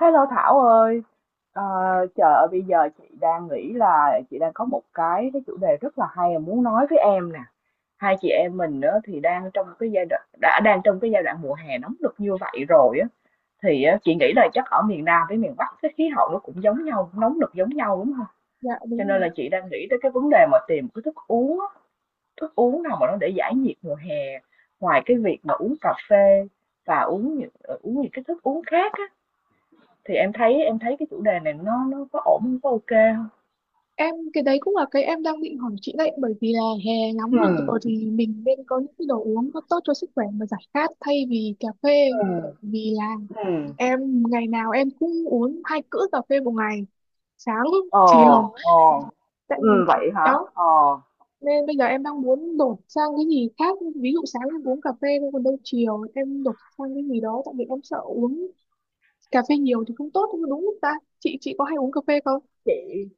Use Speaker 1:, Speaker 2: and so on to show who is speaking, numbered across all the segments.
Speaker 1: Hello Thảo ơi, Ờ, trời ơi bây giờ chị đang nghĩ là chị đang có một cái chủ đề rất là hay mà muốn nói với em nè. Hai chị em mình đó thì đang trong cái giai đoạn đã đang trong cái giai đoạn mùa hè nóng nực như vậy rồi á thì á, chị nghĩ là chắc ở miền Nam với miền Bắc cái khí hậu nó cũng giống nhau, nóng nực giống nhau đúng không?
Speaker 2: Dạ
Speaker 1: Cho
Speaker 2: đúng
Speaker 1: nên
Speaker 2: rồi
Speaker 1: là
Speaker 2: ạ.
Speaker 1: chị đang nghĩ tới cái vấn đề mà tìm cái thức uống, á, thức uống nào mà nó để giải nhiệt mùa hè. Ngoài cái việc mà uống cà phê và uống uống những cái thức uống khác á, thì em thấy cái chủ đề này nó có ổn hông? Có ô kê
Speaker 2: Em cái đấy cũng là cái em đang định hỏi chị đấy, bởi vì là hè
Speaker 1: ừ
Speaker 2: nóng được rồi thì mình nên có những cái đồ uống nó tốt cho sức khỏe mà giải khát thay vì cà phê.
Speaker 1: ừ ừm,
Speaker 2: Bởi vì là
Speaker 1: ừm.
Speaker 2: em ngày nào em cũng uống hai cữ cà phê một ngày, sáng
Speaker 1: Ờ,
Speaker 2: chiều.
Speaker 1: ờ.
Speaker 2: Tại vì-
Speaker 1: Vậy hả?
Speaker 2: đó
Speaker 1: Ờ,
Speaker 2: Nên bây giờ em đang muốn đổi sang cái gì khác, ví dụ sáng em uống cà phê thôi, còn đâu chiều em đổi sang cái gì đó, tại vì em sợ uống cà phê nhiều thì không tốt, đúng không ta? Chị có hay uống cà phê không?
Speaker 1: chị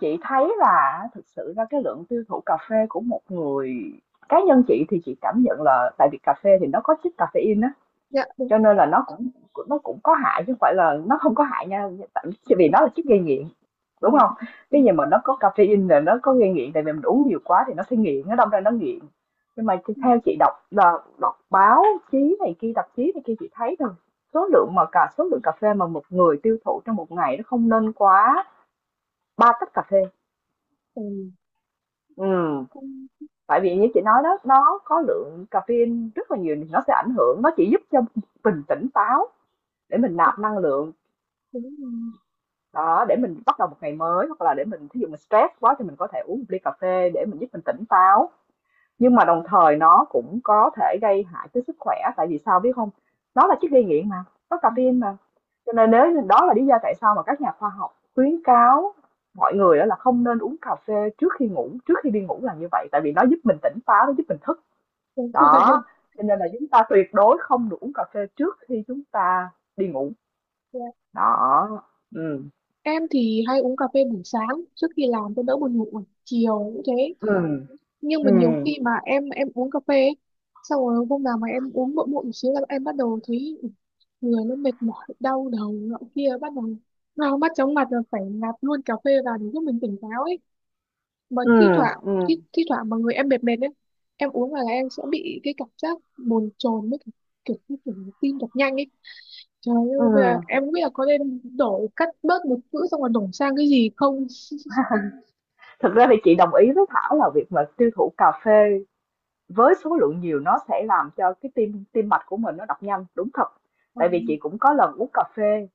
Speaker 1: chị thấy là thực sự ra cái lượng tiêu thụ cà phê của một người cá nhân chị thì chị cảm nhận là tại vì cà phê thì nó có chất caffeine á.
Speaker 2: Dạ đúng.
Speaker 1: Cho nên là nó cũng có hại chứ không phải là nó không có hại nha, tại vì nó là chất gây nghiện,
Speaker 2: Ờ,
Speaker 1: đúng không?
Speaker 2: ừ. Ừ,
Speaker 1: Cái gì mà nó có caffeine là nó có gây nghiện, tại vì mình uống nhiều quá thì nó sẽ nghiện, nó đâm ra nó nghiện. Nhưng mà
Speaker 2: ừ.
Speaker 1: theo chị đọc là đọc báo chí này kia, tạp chí này kia chị thấy rằng số lượng mà cả số lượng cà phê mà một người tiêu thụ trong một ngày nó không nên quá 3 tách cà phê.
Speaker 2: Ừ.
Speaker 1: Ừm,
Speaker 2: Không,
Speaker 1: tại vì như chị nói đó, nó có lượng caffeine rất là nhiều nó sẽ ảnh hưởng, nó chỉ giúp cho mình tỉnh táo để mình nạp năng lượng
Speaker 2: đúng rồi.
Speaker 1: đó để mình bắt đầu một ngày mới hoặc là để mình thí dụ mình stress quá thì mình có thể uống một ly cà phê để mình giúp mình tỉnh táo, nhưng mà đồng thời nó cũng có thể gây hại tới sức khỏe tại vì sao biết không? Nó là chất gây nghiện mà có caffeine mà, cho nên nếu đó là lý do tại sao mà các nhà khoa học khuyến cáo mọi người đó là không nên uống cà phê trước khi ngủ, trước khi đi ngủ là như vậy, tại vì nó giúp mình tỉnh táo, nó giúp mình thức
Speaker 2: Đúng rồi.
Speaker 1: đó. Cho nên là chúng ta tuyệt đối không được uống cà phê trước khi chúng ta đi ngủ
Speaker 2: Dạ.
Speaker 1: đó. ừ
Speaker 2: Em thì hay uống cà phê buổi sáng trước khi làm cho đỡ buồn ngủ, chiều cũng thế.
Speaker 1: ừ
Speaker 2: Nhưng mà
Speaker 1: ừ
Speaker 2: nhiều khi mà em uống cà phê ấy, xong rồi hôm nào mà em uống muộn muộn một xíu là em bắt đầu thấy người nó mệt mỏi, đau đầu nọ kia, bắt đầu đau mắt chóng mặt, rồi phải nạp luôn cà phê vào để giúp mình tỉnh táo ấy. Mà
Speaker 1: Ừ,
Speaker 2: thi thoảng,
Speaker 1: ừ,
Speaker 2: thi thoảng mà người em mệt mệt ấy, em uống vào là em sẽ bị cái cảm giác bồn chồn, với cả kiểu như kiểu tim đập nhanh ấy. Trời ơi, bây giờ
Speaker 1: ừ.
Speaker 2: em không biết là có nên đổi, cắt bớt một chữ xong rồi đổi sang cái gì không?
Speaker 1: Thực ra thì chị đồng ý với Thảo là việc mà tiêu thụ cà phê với số lượng nhiều nó sẽ làm cho cái tim tim mạch của mình nó đập nhanh, đúng thật. Tại vì chị cũng có lần uống cà phê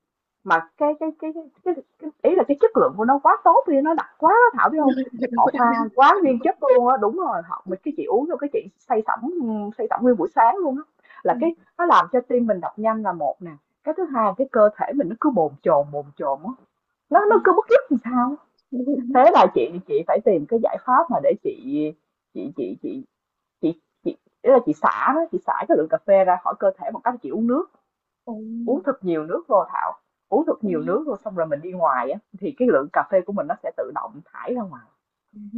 Speaker 1: mà cái ý là cái chất lượng của nó quá tốt đi, nó đặc quá đó Thảo biết không? Họ pha quá nguyên chất luôn á, đúng rồi, họ mình cái chị uống vô cái chị say sẩm, say sẩm nguyên buổi sáng luôn á. Là cái nó làm cho tim mình đập nhanh là một nè, cái thứ hai cái cơ thể mình nó cứ bồn chồn á, nó cứ bứt rứt làm sao. Thế là chị phải tìm cái giải pháp mà để chị chị chị chị ý là chị xả đó, chị xả cái lượng cà phê ra khỏi cơ thể bằng cách chị uống nước, uống thật nhiều nước vô Thảo, uống thật
Speaker 2: Ừ.
Speaker 1: nhiều nước vô xong rồi mình đi ngoài á thì cái lượng cà phê của mình nó sẽ tự động thải ra ngoài.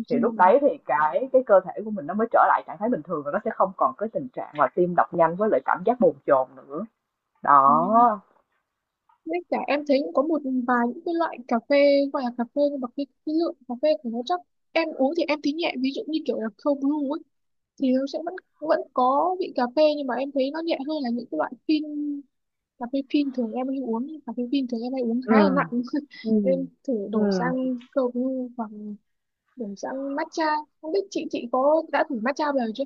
Speaker 1: Thì lúc đấy thì cái cơ thể của mình nó mới trở lại trạng thái bình thường và nó sẽ không còn cái tình trạng mà tim đập nhanh với lại cảm giác bồn chồn nữa. Đó.
Speaker 2: Với cả em thấy cũng có một vài những cái loại cà phê gọi là cà phê nhưng mà cái lượng cà phê của nó chắc em uống thì em thấy nhẹ, ví dụ như kiểu là cold brew ấy, thì nó sẽ vẫn vẫn có vị cà phê nhưng mà em thấy nó nhẹ hơn là những cái loại phin. Cà phê phin thường em hay uống, cà phê phin thường em hay uống
Speaker 1: ừ
Speaker 2: khá là nặng.
Speaker 1: ừ
Speaker 2: Nên thử
Speaker 1: ừ
Speaker 2: đổ sang cold brew hoặc đổ sang matcha. Không biết chị có đã thử matcha bao giờ chưa?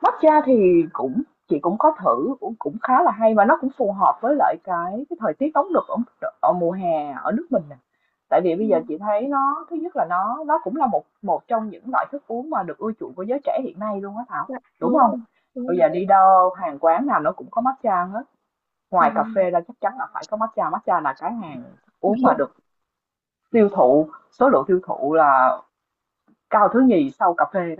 Speaker 1: Matcha thì cũng chị cũng có thử, cũng cũng khá là hay và nó cũng phù hợp với lại cái thời tiết nóng nực ở ở mùa hè ở nước mình nè. Tại vì
Speaker 2: Ừ.
Speaker 1: bây giờ chị thấy nó thứ nhất là nó cũng là một một trong những loại thức uống mà được ưa chuộng của giới trẻ hiện nay luôn á Thảo,
Speaker 2: Dạ,
Speaker 1: đúng
Speaker 2: đúng rồi.
Speaker 1: không?
Speaker 2: Đúng
Speaker 1: Bây
Speaker 2: rồi.
Speaker 1: giờ đi đâu hàng quán nào nó cũng có matcha hết, ngoài cà
Speaker 2: Trời,
Speaker 1: phê ra chắc chắn là phải có matcha, matcha là cái hàng
Speaker 2: đúng
Speaker 1: uống mà
Speaker 2: rồi.
Speaker 1: được tiêu thụ, số lượng tiêu thụ là cao thứ nhì sau cà phê.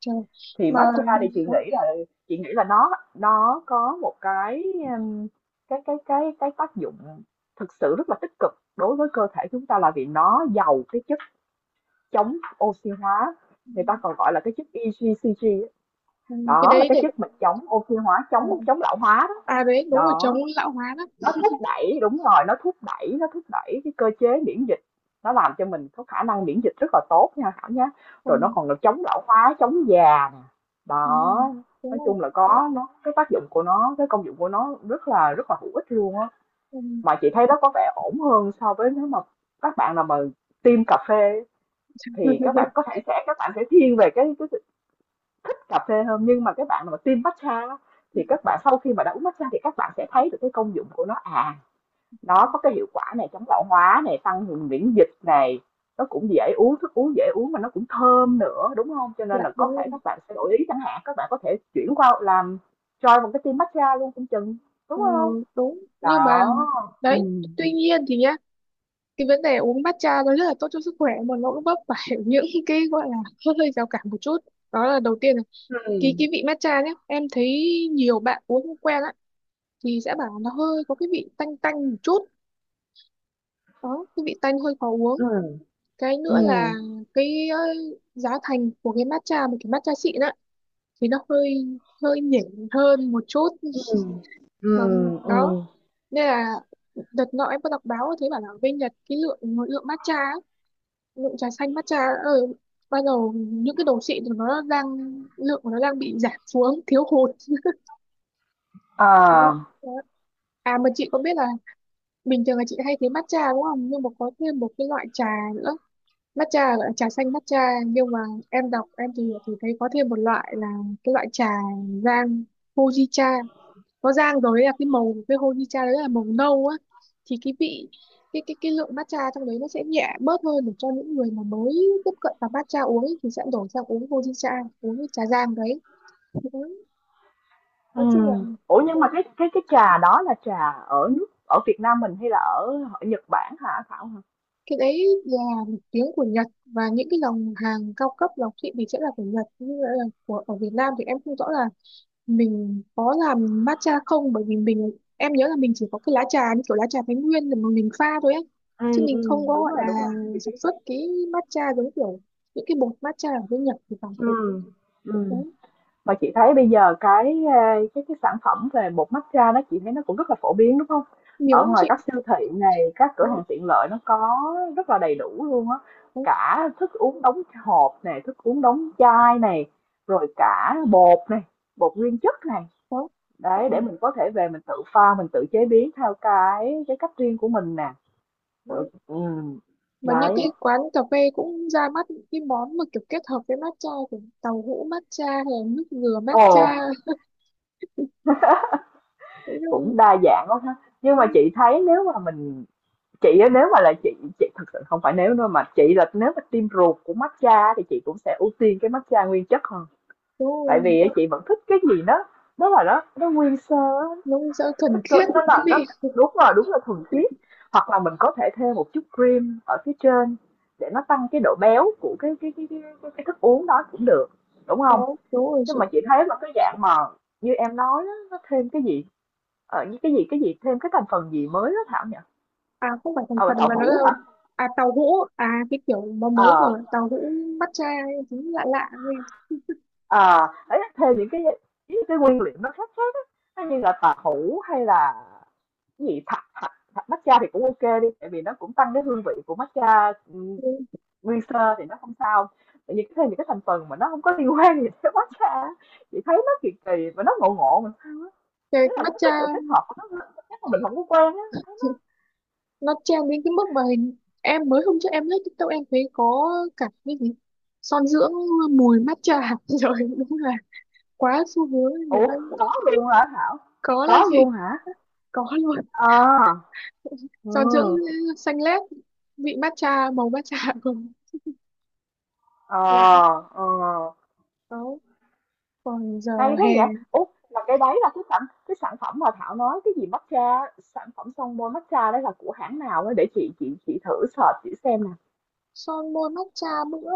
Speaker 2: Trời.
Speaker 1: Thì
Speaker 2: Mà
Speaker 1: matcha thì chị
Speaker 2: đó.
Speaker 1: nghĩ là chị nghĩ là nó có một cái um, cái tác dụng thực sự rất là tích cực đối với cơ thể chúng ta là vì nó giàu cái chất chống oxy hóa, người ta còn gọi là cái chất EGCG á.
Speaker 2: Ừ, cái
Speaker 1: Đó là
Speaker 2: đấy
Speaker 1: cái
Speaker 2: để
Speaker 1: chất mà chống oxy hóa,
Speaker 2: ờ,
Speaker 1: chống chống lão hóa đó.
Speaker 2: à đấy đúng rồi, chống
Speaker 1: Đó,
Speaker 2: lão hóa đó.
Speaker 1: nó thúc đẩy đúng rồi nó thúc đẩy cái cơ chế miễn dịch, nó làm cho mình có khả năng miễn dịch rất là tốt nha Thảo nhé. Rồi
Speaker 2: Còn
Speaker 1: nó còn là chống lão hóa, chống già nè.
Speaker 2: ừ,
Speaker 1: Đó,
Speaker 2: đúng
Speaker 1: nói
Speaker 2: rồi.
Speaker 1: chung là có nó cái tác dụng của nó, cái công dụng của nó rất là hữu ích luôn á.
Speaker 2: Ừ.
Speaker 1: Mà chị thấy nó có vẻ ổn hơn so với nếu mà các bạn nào mà tiêm cà phê thì các bạn có thể sẽ các bạn sẽ thiên về cái thích cà phê hơn, nhưng mà các bạn nào mà tiêm matcha thì các bạn sau khi mà đã uống matcha thì các bạn sẽ thấy được cái công dụng của nó. À, nó có cái hiệu quả này, chống lão hóa này, tăng cường miễn dịch này, nó cũng dễ uống, thức uống dễ uống mà nó cũng thơm nữa đúng không? Cho nên
Speaker 2: Dạ
Speaker 1: là có
Speaker 2: đúng rồi.
Speaker 1: thể các bạn sẽ đổi ý, chẳng hạn các bạn có thể chuyển qua làm cho một cái team matcha luôn cũng chừng, đúng
Speaker 2: Ờ,
Speaker 1: không?
Speaker 2: đúng nhưng mà
Speaker 1: Đó. Ừ
Speaker 2: đấy, tuy nhiên thì nhá, cái vấn đề uống matcha nó rất là tốt cho sức khỏe mà nó cũng vấp phải những cái gọi là hơi hơi rào cản một chút. Đó là đầu tiên là cái
Speaker 1: ừ
Speaker 2: cái vị matcha nhé, em thấy nhiều bạn uống không quen á, thì sẽ bảo nó hơi có cái vị tanh tanh một chút. Đó, cái vị tanh hơi khó uống.
Speaker 1: ừ
Speaker 2: Cái nữa là
Speaker 1: ừ
Speaker 2: cái giá thành của cái matcha, một cái matcha xịn á, thì nó hơi hơi nhỉnh hơn một chút.
Speaker 1: ừ
Speaker 2: Mà
Speaker 1: ừ
Speaker 2: đó,
Speaker 1: ừ
Speaker 2: nên là đợt nọ em có đọc báo thấy bảo là ở bên Nhật, cái lượng, lượng matcha á, lượng trà xanh matcha ở ban đầu những cái đồ xịn thì nó đang, lượng của nó đang bị giảm xuống, thiếu hụt. Đấy,
Speaker 1: à
Speaker 2: đấy. À mà chị có biết là bình thường là chị hay thấy matcha đúng không, nhưng mà có thêm một cái loại trà nữa, matcha gọi là trà xanh matcha, nhưng mà em đọc, em tìm hiểu thì thấy có thêm một loại là cái loại trà rang Fujicha, nó rang rồi ấy, là cái màu của cái honeycha đấy, là màu nâu á. Thì cái vị, cái lượng matcha trong đấy nó sẽ nhẹ bớt hơn, để cho những người mà mới tiếp cận vào matcha uống ấy, thì sẽ đổi sang uống honeycha, uống cái trà rang đấy. Ừ.
Speaker 1: ừ.
Speaker 2: Nói chung là
Speaker 1: Ủa nhưng mà cái trà đó là trà ở nước ở Việt Nam mình hay là ở, ở Nhật Bản hả Thảo hả?
Speaker 2: cái đấy là một tiếng của Nhật, và những cái dòng hàng cao cấp lọc thị thì sẽ là của Nhật. Như là của ở Việt Nam thì em không rõ là mình có làm matcha không, bởi vì mình, em nhớ là mình chỉ có cái lá trà như kiểu lá trà Thái Nguyên rồi mà mình pha thôi ấy, chứ mình
Speaker 1: Ừ
Speaker 2: không có gọi là
Speaker 1: đúng rồi chị biết.
Speaker 2: sản xuất cái matcha giống kiểu những cái bột matcha ở bên Nhật thì phải đấy.
Speaker 1: ừ ừ
Speaker 2: Đúng.
Speaker 1: Mà chị thấy bây giờ cái, a, cái cái sản phẩm về bột matcha đó chị thấy nó cũng rất là phổ biến, đúng không?
Speaker 2: Nhiều
Speaker 1: Ở
Speaker 2: lắm
Speaker 1: ngoài
Speaker 2: chị.
Speaker 1: các siêu thị này, các cửa
Speaker 2: Ừ,
Speaker 1: hàng tiện lợi nó có rất là đầy đủ luôn á, cả thức uống đóng hộp này, thức uống đóng chai này, rồi cả bột này, bột nguyên chất này,
Speaker 2: ừ,
Speaker 1: đấy, để mình có thể về mình tự pha, mình tự chế biến theo cái cách riêng của mình nè,
Speaker 2: đó.
Speaker 1: rồi
Speaker 2: Mà những
Speaker 1: đấy.
Speaker 2: cái quán cà phê cũng ra mắt những cái món mà kiểu kết hợp với matcha, kiểu tàu hũ matcha hay là nước dừa
Speaker 1: Ồ,
Speaker 2: matcha. Đúng
Speaker 1: cũng
Speaker 2: rồi,
Speaker 1: đa dạng quá ha. Nhưng mà
Speaker 2: đúng
Speaker 1: chị thấy nếu mà mình Chị á, nếu mà là chị chị thực sự không phải nếu đâu mà chị là nếu mà team ruột của matcha á, thì chị cũng sẽ ưu tiên cái matcha nguyên chất hơn, tại
Speaker 2: rồi.
Speaker 1: vì á, chị vẫn thích cái gì đó, đó là nó nguyên sơ á,
Speaker 2: Nó sẽ thuần khiết
Speaker 1: nó
Speaker 2: cái
Speaker 1: là nó
Speaker 2: vị.
Speaker 1: đúng rồi đúng là thuần khiết, hoặc là mình có thể thêm một chút cream ở phía trên để nó tăng cái độ béo của cái thức uống đó cũng được, đúng không?
Speaker 2: Có đúng rồi
Speaker 1: Nhưng
Speaker 2: chị.
Speaker 1: mà chị thấy là cái dạng mà như em nói á, nó thêm cái gì như cái gì thêm cái thành phần gì mới đó Thảo nhỉ?
Speaker 2: À không phải thành
Speaker 1: Ờ
Speaker 2: phần,
Speaker 1: tàu
Speaker 2: mà nó là
Speaker 1: hũ hả?
Speaker 2: à tàu hũ, à cái kiểu mà mới
Speaker 1: ờ
Speaker 2: của tàu hũ matcha ấy, đúng lạ lạ nghe.
Speaker 1: À ấy thêm những cái nguyên liệu nó khác khác á, như là tàu hũ hay là cái gì thạch thạch thạch matcha thì cũng ok đi, tại vì nó cũng tăng cái hương vị của matcha
Speaker 2: Ừ.
Speaker 1: nguyên sơ thì nó không sao. Tự nhiên thêm những cái thành phần mà nó không có liên quan gì tới matcha á, chị thấy nó kỳ kỳ và nó ngộ ngộ mà sao á.
Speaker 2: Cái
Speaker 1: Thế là có
Speaker 2: matcha
Speaker 1: cái sự kết hợp của nó chắc là mình không có quen á thấy nó.
Speaker 2: thì nó trend đến cái mức mà hình, em mới hôm trước em lướt TikTok em thấy có cả cái gì son dưỡng mùi matcha. Rồi đúng là quá xu hướng người
Speaker 1: Ủa
Speaker 2: ta
Speaker 1: có luôn hả Thảo?
Speaker 2: có là
Speaker 1: Có
Speaker 2: chị,
Speaker 1: luôn hả?
Speaker 2: có luôn
Speaker 1: À,
Speaker 2: son dưỡng
Speaker 1: ừ
Speaker 2: xanh lét, vị matcha màu matcha cùng lại.
Speaker 1: ờ ờ
Speaker 2: Có, còn giờ
Speaker 1: hay thế
Speaker 2: hè
Speaker 1: vậy? Ủa, là cái đấy là cái sản phẩm mà Thảo nói cái gì matcha, sản phẩm son môi matcha đấy là của hãng nào ấy để chị thử search chị xem nè.
Speaker 2: son môi matcha. Bữa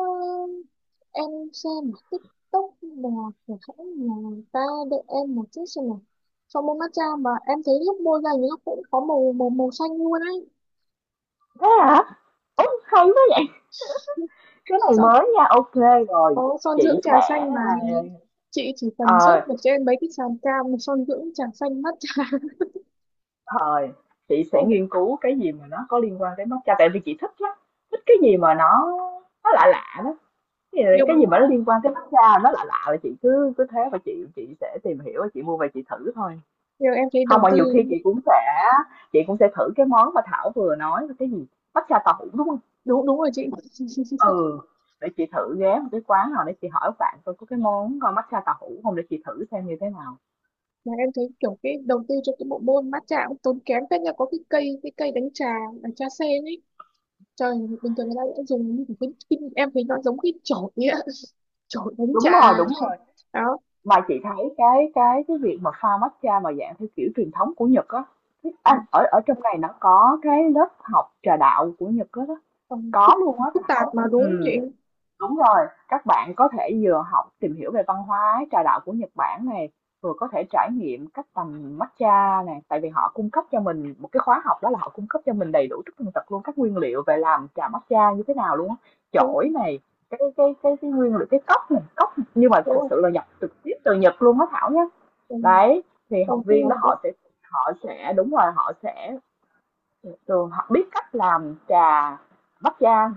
Speaker 2: em xem một TikTok là của hãng nhà ta, để em một chút xem nào. Son môi matcha mà em thấy lúc môi ra thì nó cũng có màu màu màu xanh luôn ấy.
Speaker 1: Thế hả? Ủa, hay thế vậy? Cái này
Speaker 2: Xong
Speaker 1: mới nha. Ok rồi.
Speaker 2: có son
Speaker 1: Chị
Speaker 2: dưỡng trà
Speaker 1: sẽ
Speaker 2: xanh mà, chị chỉ cần search
Speaker 1: ờ
Speaker 2: vào trên mấy cái sàn cam son dưỡng trà xanh matcha.
Speaker 1: thời chị sẽ nghiên cứu cái gì mà nó có liên quan tới matcha tại vì chị thích lắm. Thích cái gì mà nó lạ lạ đó. Cái gì cái
Speaker 2: Dùng
Speaker 1: gì mà nó liên quan tới matcha nó lạ lạ là chị cứ cứ thế và chị sẽ tìm hiểu và chị mua về chị thử thôi.
Speaker 2: nhiều em thấy
Speaker 1: Không
Speaker 2: đầu
Speaker 1: mà
Speaker 2: tư.
Speaker 1: nhiều khi chị cũng sẽ thử cái món mà Thảo vừa nói là cái gì? Matcha tàu hũ, đúng không?
Speaker 2: Đúng đúng rồi chị.
Speaker 1: Ừ, để chị thử ghé một cái quán nào để chị hỏi bạn coi có cái món, matcha tàu hũ không để chị thử xem như thế nào.
Speaker 2: Mà em thấy kiểu cái đầu tư cho cái bộ môn matcha cũng tốn kém phết nha, có cái cây đánh trà là trà sen ấy. Trời, bình thường người ta sẽ dùng như cái em thấy nó giống cái chổi ấy ạ. Chổi đánh trà.
Speaker 1: Đúng rồi,
Speaker 2: Đó.
Speaker 1: mà chị thấy cái việc mà pha matcha mà dạng theo kiểu truyền thống của Nhật á,
Speaker 2: Ừ.
Speaker 1: ở ở trong này nó có cái lớp học trà đạo của Nhật á đó,
Speaker 2: Còn
Speaker 1: có luôn á
Speaker 2: phức tạp
Speaker 1: Thảo.
Speaker 2: mà đúng không chị?
Speaker 1: Ừ Đúng rồi, các bạn có thể vừa học tìm hiểu về văn hóa trà đạo của Nhật Bản này, vừa có thể trải nghiệm cách tầm matcha này, tại vì họ cung cấp cho mình một cái khóa học, đó là họ cung cấp cho mình đầy đủ tất tần tật luôn các nguyên liệu về làm trà matcha như thế nào luôn á,
Speaker 2: Đúng,
Speaker 1: chổi này, cái nguyên liệu cái cốc này, cốc nhưng mà
Speaker 2: đúng
Speaker 1: thật
Speaker 2: rồi.
Speaker 1: sự là nhập trực tiếp từ Nhật luôn á Thảo nhé.
Speaker 2: Ừ.
Speaker 1: Đấy, thì học
Speaker 2: Đầu tư
Speaker 1: viên đó
Speaker 2: đó.
Speaker 1: họ sẽ đúng rồi họ sẽ thường họ biết cách làm trà matcha.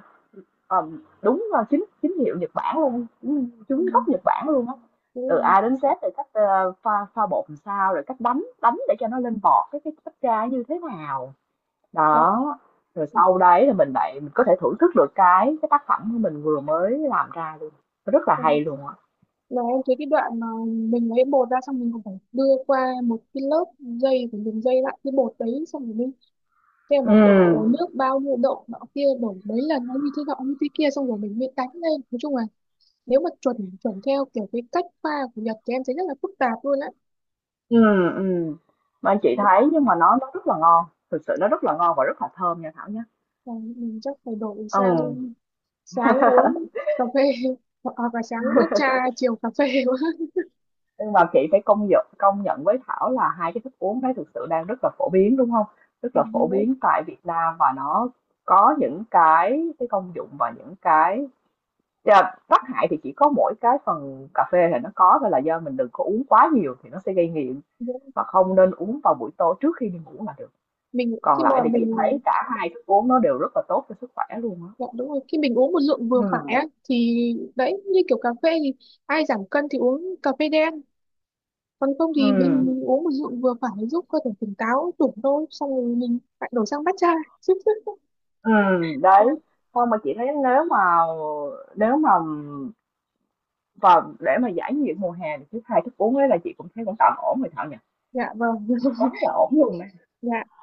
Speaker 1: Đúng rồi, chính chính hiệu Nhật Bản luôn, chính
Speaker 2: Ừ,
Speaker 1: chính gốc Nhật Bản luôn á, từ
Speaker 2: đúng rồi.
Speaker 1: A đến Z từ cách, pha pha bột làm sao, rồi cách đánh đánh để cho nó lên bọt cái cách tra như thế nào.
Speaker 2: Đấy.
Speaker 1: Đó, rồi sau đấy là mình có thể thưởng thức được cái tác phẩm của mình vừa mới làm ra luôn, rất là
Speaker 2: Ừ.
Speaker 1: hay luôn á.
Speaker 2: Mà em thấy cái đoạn mà mình lấy bột ra, xong mình còn phải đưa qua một cái lớp dây, phải dùng dây lại cái bột đấy xong rồi mới thế,
Speaker 1: Ừ,
Speaker 2: mà đổ nước bao nhiêu độ nọ kia, đổ mấy lần nó như thế nọ như thế kia, xong rồi mình bị đánh lên, nói chung là nếu mà chuẩn chuẩn theo kiểu cái cách pha của Nhật thì em thấy rất là phức tạp luôn á.
Speaker 1: ừ, ừ, mà anh chị thấy nhưng mà nó rất là ngon, thực sự nó rất là ngon và rất là thơm nha Thảo nhé.
Speaker 2: Và mình chắc phải đổi sang
Speaker 1: Ừ.
Speaker 2: sáng uống cà phê hoặc là sáng matcha chiều cà phê quá.
Speaker 1: Nhưng mà chị phải công nhận với Thảo là hai cái thức uống đấy thực sự đang rất là phổ biến, đúng không? Rất là phổ biến tại Việt Nam và nó có những cái công dụng và những cái yeah, tác hại thì chỉ có mỗi cái phần cà phê thì nó có thôi, là do mình đừng có uống quá nhiều thì nó sẽ gây nghiện và không nên uống vào buổi tối trước khi đi ngủ là được.
Speaker 2: Mình
Speaker 1: Còn
Speaker 2: khi mà
Speaker 1: lại thì chị thấy
Speaker 2: mình,
Speaker 1: cả hai thức uống nó đều rất là tốt cho sức khỏe luôn á.
Speaker 2: dạ, đúng rồi, khi mình uống một lượng vừa phải
Speaker 1: Ừ
Speaker 2: á thì đấy, như kiểu cà phê thì ai giảm cân thì uống cà phê đen, còn không
Speaker 1: ừ
Speaker 2: thì mình uống một rượu vừa phải giúp cơ thể tỉnh táo đủ thôi, xong rồi mình lại đổi sang matcha chứ. Dạ.
Speaker 1: đấy. Xong mà chị thấy nếu mà và để mà giải nhiệt mùa hè thì cái 2 thức uống ấy là chị cũng thấy cũng tạm ổn rồi Thảo nhỉ?
Speaker 2: Dạ, vâng.
Speaker 1: Quá là ổn luôn
Speaker 2: Dạ.